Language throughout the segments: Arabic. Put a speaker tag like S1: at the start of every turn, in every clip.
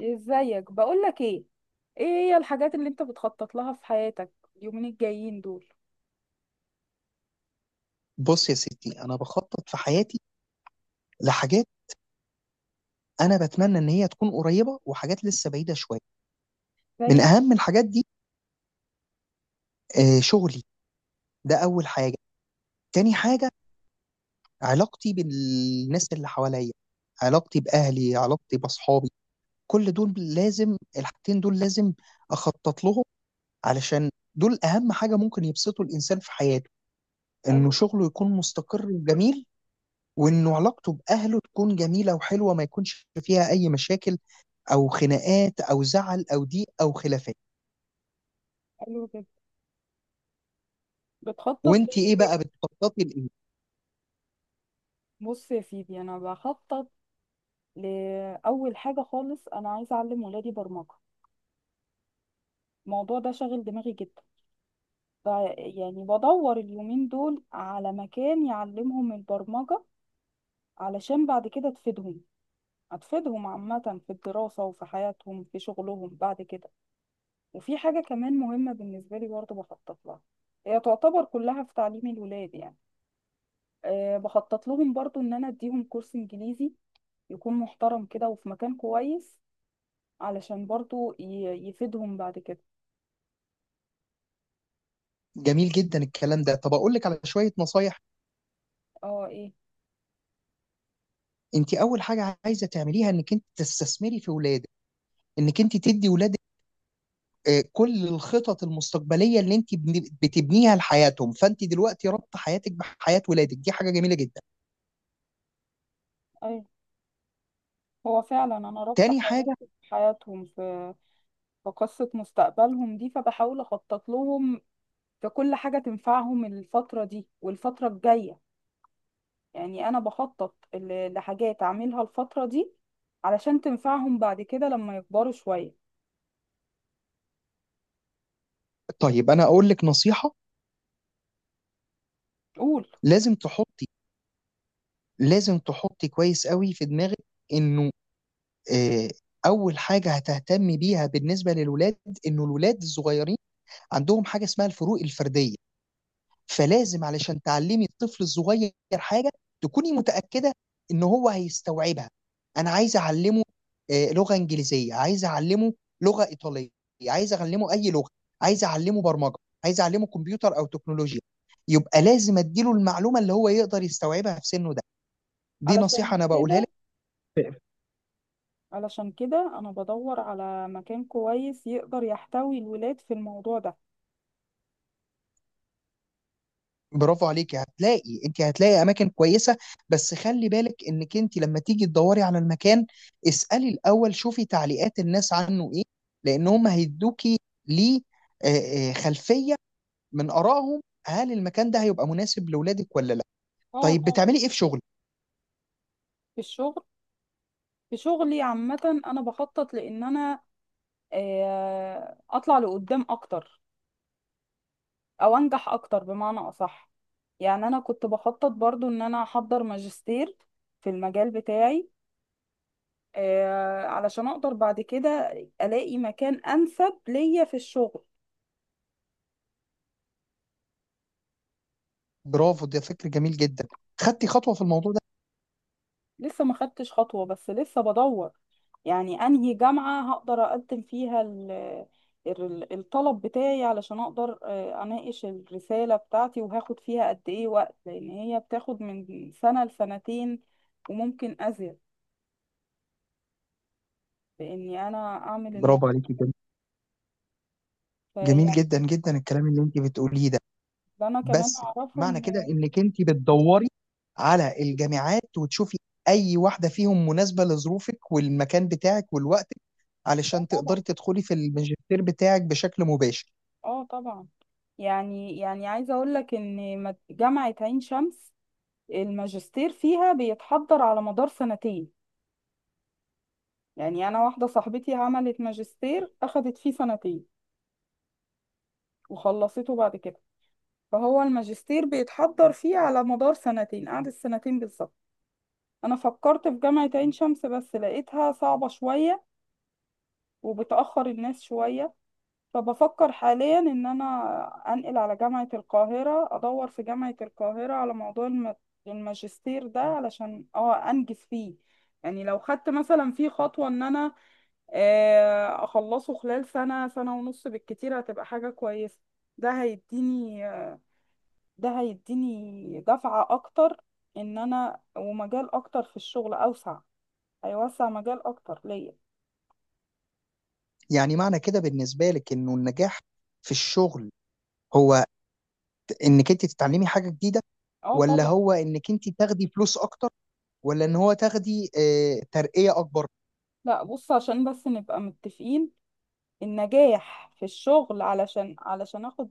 S1: ازيك؟ بقولك ايه هي الحاجات اللي انت بتخطط لها في حياتك اليومين الجايين دول؟
S2: بص يا ستي انا بخطط في حياتي لحاجات. انا بتمنى ان هي تكون قريبه، وحاجات لسه بعيده شويه. من
S1: زي؟
S2: اهم الحاجات دي، شغلي. ده اول حاجه. تاني حاجه، علاقتي بالناس اللي حواليا، علاقتي باهلي، علاقتي باصحابي. كل دول لازم، الحاجتين دول لازم اخطط لهم، علشان دول اهم حاجه ممكن يبسطوا الانسان في حياته. انه
S1: حلو.
S2: شغله يكون مستقر وجميل، وانه علاقته باهله تكون جميله وحلوه، ما يكونش فيها اي مشاكل او خناقات او زعل او ضيق او خلافات.
S1: حلو جدا. بتخطط
S2: وانت
S1: ايه
S2: ايه بقى
S1: تاني؟
S2: بتخططي لايه؟
S1: بص يا سيدي، انا بخطط لاول حاجه خالص، انا عايزه اعلم ولادي برمجه، الموضوع ده شاغل دماغي جدا، ف- يعني بدور اليومين دول على مكان يعلمهم البرمجه، علشان بعد كده تفيدهم، هتفيدهم عامه في الدراسه وفي حياتهم في شغلهم بعد كده. وفي حاجة كمان مهمة بالنسبة لي برضه بخطط لها، هي تعتبر كلها في تعليم الولاد يعني. أه، بخطط لهم برضه إن أنا أديهم كورس إنجليزي يكون محترم كده وفي مكان كويس، علشان برضه يفيدهم بعد كده.
S2: جميل جدا الكلام ده. طب اقول لك على شويه نصايح.
S1: اه، ايه؟
S2: انت اول حاجه عايزه تعمليها انك انت تستثمري في ولادك، انك انت تدي ولادك كل الخطط المستقبليه اللي انت بتبنيها لحياتهم. فانت دلوقتي ربط حياتك بحياه ولادك دي حاجه جميله جدا.
S1: ايوه، هو فعلا أنا رابطة
S2: تاني حاجه،
S1: حياتي بحياتهم في قصة مستقبلهم دي، فبحاول أخطط لهم في كل حاجة تنفعهم الفترة دي والفترة الجاية. يعني انا بخطط لحاجات اعملها الفترة دي علشان تنفعهم بعد كده لما يكبروا شوية.
S2: طيب انا اقول لك نصيحه.
S1: قول.
S2: لازم تحطي، لازم تحطي كويس قوي في دماغك انه، آآ أول حاجة هتهتم بيها بالنسبة للولاد، إنه الولاد الصغيّرين عندهم حاجة اسمها الفروق الفردية، فلازم علشان تعلّمي الطفل الصغيّر حاجة، تكوني متأكدة إن هو هيستوعبها. أنا عايزة أعلّمه لغة إنجليزية، عايزة أعلّمه لغة إيطالية، عايزة أعلّمه أي لغة، عايزة أعلّمه برمجة، عايزة أعلّمه كمبيوتر أو تكنولوجيا، يبقى لازم أدّي له المعلومة اللي هو يقدر يستوعبها في سِنُّه ده. دي نصيحة
S1: علشان
S2: أنا باقولها لِك.
S1: كده علشان كده انا بدور على مكان كويس يقدر يحتوي الولاد في الموضوع ده.
S2: برافو عليك. هتلاقي، انت هتلاقي اماكن كويسه، بس خلي بالك انك انت لما تيجي تدوري على المكان اسالي الاول، شوفي تعليقات الناس عنه ايه، لان هم هيدوكي، ليه؟ خلفيه من ارائهم، هل المكان ده هيبقى مناسب لاولادك ولا لا.
S1: اه
S2: طيب
S1: طبعا.
S2: بتعملي ايه في شغلك؟
S1: في الشغل. في شغلي عامة انا بخطط لان انا اطلع لقدام اكتر، او انجح اكتر بمعنى اصح. يعني انا كنت بخطط برضو ان انا احضر ماجستير في المجال بتاعي، علشان اقدر بعد كده الاقي مكان انسب ليا في الشغل.
S2: برافو، ده فكر جميل جدا. خدتي خطوه في الموضوع ده؟
S1: لسه ما خدتش خطوة، بس لسه بدور يعني انهي جامعة هقدر اقدم فيها الطلب بتاعي، علشان اقدر اناقش الرسالة بتاعتي وهاخد فيها قد ايه وقت، لان هي بتاخد من سنة لسنتين وممكن ازيد، باني انا اعمل
S2: برافو
S1: الموضوع.
S2: عليكي جدا. جميل
S1: فيعني،
S2: جدا جدا الكلام اللي انت بتقوليه ده.
S1: ده انا كمان
S2: بس
S1: اعرفه
S2: معنى
S1: ان.
S2: كده انك انت بتدوري على الجامعات وتشوفي اي واحده فيهم مناسبه لظروفك والمكان بتاعك والوقت،
S1: اه
S2: علشان
S1: طبعا.
S2: تقدري تدخلي في الماجستير بتاعك بشكل مباشر.
S1: اه طبعا. يعني عايزة اقول لك ان جامعة عين شمس الماجستير فيها بيتحضر على مدار سنتين، يعني انا واحدة صاحبتي عملت ماجستير اخدت فيه سنتين وخلصته بعد كده، فهو الماجستير بيتحضر فيه على مدار سنتين، قعدت سنتين بالظبط. انا فكرت في جامعة عين شمس بس لقيتها صعبة شوية وبتأخر الناس شوية، فبفكر حاليا ان انا انقل على جامعة القاهرة، ادور في جامعة القاهرة على موضوع الماجستير ده علشان انجز فيه. يعني لو خدت مثلا فيه خطوة ان انا اخلصه خلال سنة سنة ونص بالكتير هتبقى حاجة كويسة. ده هيديني آه، ده هيديني دفعة اكتر، ان انا ومجال اكتر في الشغل اوسع، هيوسع مجال اكتر ليا.
S2: يعني معنى كده بالنسبه لك انه النجاح في الشغل، هو انك انت تتعلمي حاجه جديده،
S1: اه
S2: ولا
S1: طبعا.
S2: هو انك انت تاخدي فلوس اكتر، ولا ان هو تاخدي ترقيه اكبر؟
S1: لا بص، عشان بس نبقى متفقين، النجاح في الشغل علشان علشان اخد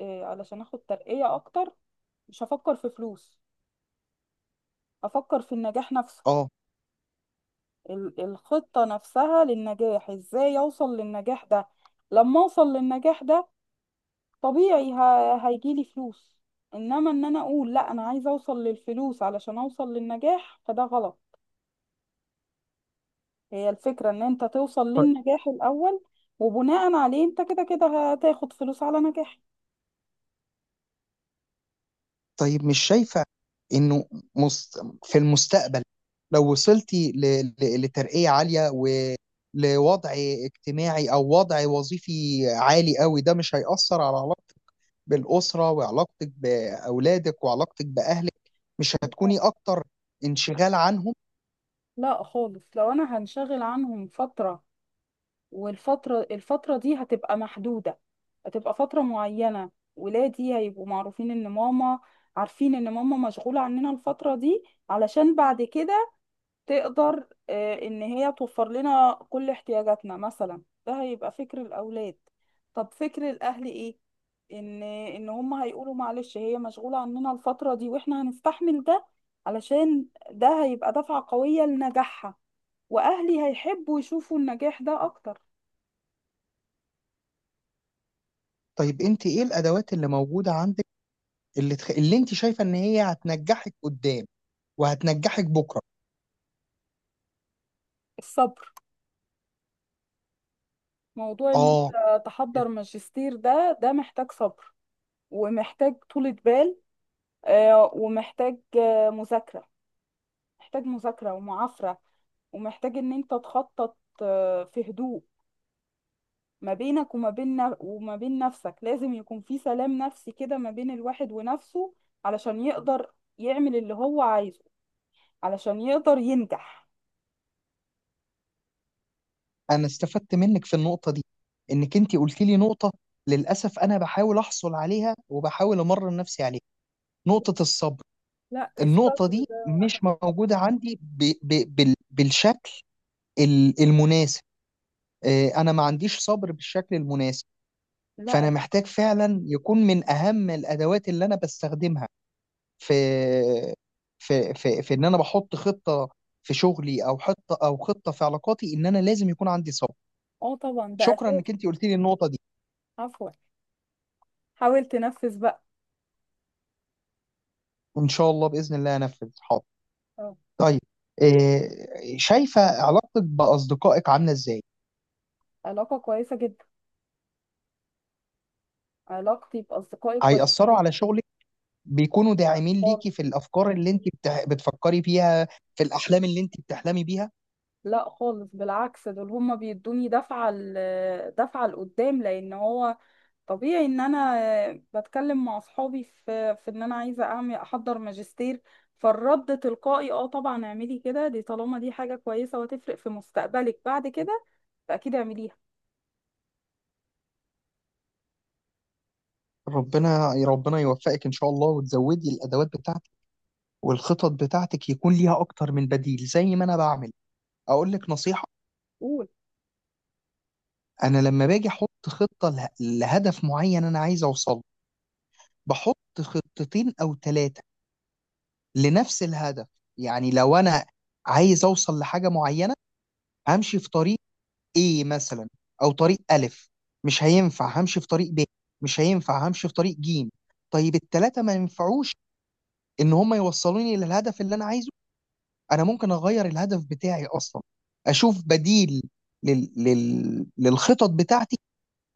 S1: آه، علشان اخد ترقية اكتر، مش هفكر في فلوس، هفكر في النجاح نفسه.
S2: اه.
S1: الخطة نفسها للنجاح، ازاي اوصل للنجاح ده؟ لما اوصل للنجاح ده طبيعي هيجيلي فلوس، انما ان انا اقول لا انا عايزة اوصل للفلوس علشان اوصل للنجاح فده غلط، هي الفكرة ان انت توصل للنجاح الاول، وبناء عليه انت كده كده هتاخد فلوس على نجاحك.
S2: طيب مش شايفة إنه مست... في المستقبل، لو وصلتي لترقية عالية، ولوضع اجتماعي أو وضع وظيفي عالي قوي، ده مش هيأثر على علاقتك بالأسرة، وعلاقتك بأولادك، وعلاقتك بأهلك؟ مش هتكوني أكتر انشغال عنهم؟
S1: لا خالص، لو انا هنشغل عنهم فترة والفترة دي هتبقى محدودة، هتبقى فترة معينة، ولادي هيبقوا معروفين ان ماما، عارفين ان ماما مشغولة عننا الفترة دي، علشان بعد كده تقدر ان هي توفر لنا كل احتياجاتنا مثلا، ده هيبقى فكر الاولاد. طب فكر الاهل ايه؟ ان هم هيقولوا معلش هي مشغولة عننا الفترة دي، واحنا هنستحمل ده علشان ده هيبقى دفعة قوية لنجاحها، واهلي هيحبوا يشوفوا النجاح ده اكتر.
S2: طيب أنت إيه الأدوات اللي موجودة عندك، اللي أنت شايفة إن هي هتنجحك قدام وهتنجحك بكرة؟
S1: الصبر. موضوع ان
S2: آه،
S1: انت تحضر ماجستير ده محتاج صبر، ومحتاج طولة بال، ومحتاج مذاكرة، محتاج مذاكرة ومعافرة، ومحتاج ان انت تخطط في هدوء، ما بينك وما بين نفسك، لازم يكون في سلام نفسي كده ما بين الواحد ونفسه، علشان يقدر يعمل اللي هو عايزه، علشان يقدر ينجح.
S2: انا استفدت منك في النقطه دي، انك انت قلت لي نقطه، للاسف انا بحاول احصل عليها وبحاول امرن نفسي عليها، نقطه الصبر.
S1: لا. الصبر.
S2: النقطه دي
S1: ده.
S2: مش موجوده عندي بالشكل المناسب. انا ما عنديش صبر بالشكل المناسب. فانا
S1: لا.
S2: محتاج فعلا يكون من اهم الادوات اللي انا بستخدمها في في ان انا بحط خطه في شغلي، او خطه، او خطه في علاقاتي، ان انا لازم يكون عندي صبر.
S1: اه طبعا ده
S2: شكرا
S1: اساس.
S2: انك انت قلت لي النقطه دي.
S1: عفوا. حاول تنفذ بقى.
S2: ان شاء الله باذن الله انفذ، حاضر.
S1: اه.
S2: طيب إيه شايفه علاقتك باصدقائك عامله ازاي؟
S1: علاقة كويسة جدا. علاقتي بأصدقائي كويسة
S2: هيأثروا
S1: جدا.
S2: على شغلك؟ بيكونوا
S1: لا
S2: داعمين
S1: خالص.
S2: ليكي في الافكار اللي انت بتفكري فيها، في الاحلام اللي انت بتحلمي بيها؟
S1: لا خالص، بالعكس دول هما بيدوني دفعة لقدام، لأن هو طبيعي إن أنا بتكلم مع أصحابي في إن أنا عايزة أعمل أحضر ماجستير، فالرد تلقائي اه طبعا اعملي كده، دي طالما دي حاجة كويسة وهتفرق في مستقبلك بعد كده فأكيد اعمليها.
S2: ربنا، ربنا يوفقك ان شاء الله، وتزودي الادوات بتاعتك والخطط بتاعتك يكون ليها اكتر من بديل زي ما انا بعمل. اقول لك نصيحه،
S1: قول.
S2: انا لما باجي احط خطه لهدف معين انا عايز اوصل، بحط خطتين او ثلاثه لنفس الهدف. يعني لو انا عايز اوصل لحاجه معينه همشي في طريق ايه مثلا، او طريق الف، مش هينفع همشي في طريق ب، مش هينفع همشي في طريق جيم، طيب التلاته ما ينفعوش ان هم يوصلوني للهدف اللي انا عايزه، انا ممكن اغير الهدف بتاعي اصلا، اشوف بديل للخطط بتاعتي.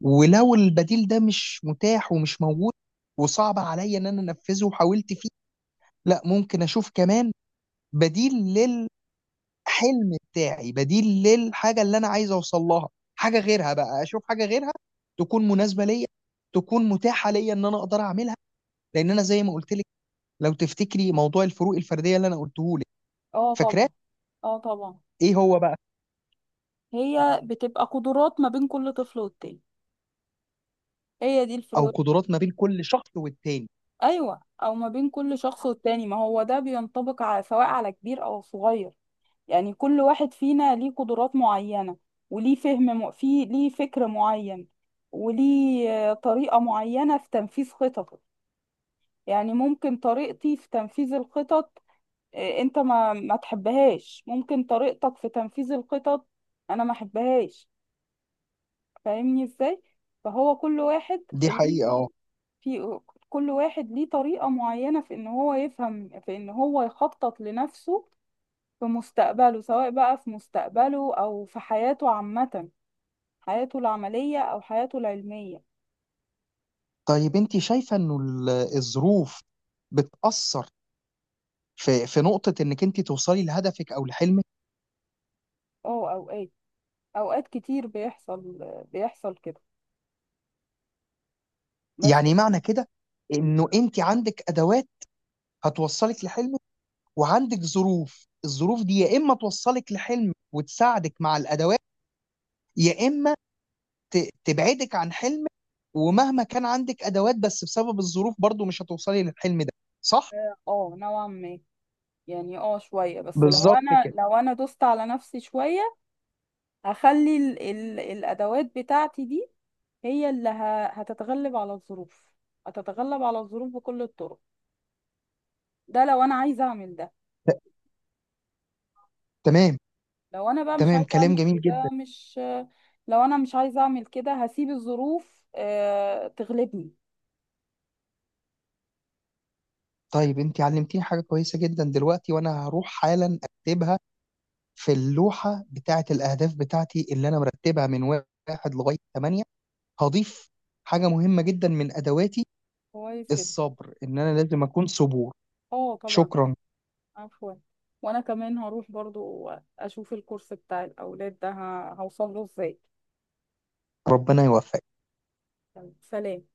S2: ولو البديل ده مش متاح ومش موجود وصعب عليا ان انا انفذه وحاولت فيه، لا ممكن اشوف كمان بديل، حلم بتاعي، بديل للحاجه اللي انا عايز اوصل لها، حاجه غيرها بقى، اشوف حاجه غيرها تكون مناسبه ليا، تكون متاحه ليا ان انا اقدر اعملها. لان انا زي ما قلت لك، لو تفتكري موضوع الفروق الفرديه اللي انا قلته لك،
S1: اه
S2: فاكراه؟
S1: طبعا. اه طبعا.
S2: ايه هو بقى؟
S1: هي بتبقى قدرات ما بين كل طفل والتاني، هي دي
S2: او
S1: الفروق.
S2: قدرات ما بين كل شخص والتاني.
S1: ايوه، او ما بين كل شخص والتاني، ما هو ده بينطبق على سواء على كبير او صغير، يعني كل واحد فينا ليه قدرات معينة، وليه فهم في ليه فكر معين، وليه طريقة معينة في تنفيذ خططه. يعني ممكن طريقتي في تنفيذ الخطط انت ما تحبهاش، ممكن طريقتك في تنفيذ الخطط انا ما احبهاش، فاهمني ازاي؟ فهو كل واحد
S2: دي حقيقه، اه.
S1: ليه في كل واحد ليه طريقة معينة في ان هو يفهم، في ان هو يخطط لنفسه في مستقبله، سواء بقى في مستقبله او في حياته عامة، حياته العملية او حياته العلمية.
S2: طيب انت شايفه انه الظروف بتاثر في، في نقطه انك انت توصلي لهدفك او لحلمك؟
S1: اه، اوقات كتير بيحصل كده، بس.
S2: يعني معنى كده انه انت عندك ادوات هتوصلك لحلمك، وعندك ظروف، الظروف دي يا اما توصلك لحلم وتساعدك مع الادوات، يا اما تبعدك عن حلم. ومهما كان عندك ادوات، بس بسبب الظروف برضو مش هتوصلي للحلم ده، صح؟
S1: اه نوعا ما، يعني شوية، بس لو
S2: بالظبط
S1: انا
S2: كده.
S1: لو انا دوست على نفسي شوية، هخلي ال ال الادوات بتاعتي دي هي اللي هتتغلب على الظروف، هتتغلب على الظروف بكل الطرق، ده لو انا عايزه اعمل ده.
S2: ت- تمام.
S1: لو انا بقى مش
S2: تمام،
S1: عايزه
S2: كلام
S1: اعمل
S2: جميل جدا.
S1: كده مش. لو انا مش عايزه اعمل كده هسيب الظروف تغلبني.
S2: طيب انت علمتيني حاجه كويسه جدا دلوقتي، وانا هروح حالا اكتبها في اللوحه بتاعه الاهداف بتاعتي اللي انا مرتبها من 1 لغايه 8. هضيف حاجه مهمه جدا من ادواتي،
S1: كويس جدا.
S2: الصبر، ان انا لازم اكون صبور.
S1: اه طبعا.
S2: شكرا.
S1: عفوا. وانا كمان هروح برضو اشوف الكورس بتاع الاولاد ده هوصل له ازاي.
S2: ربنا يوفقك.
S1: سلام.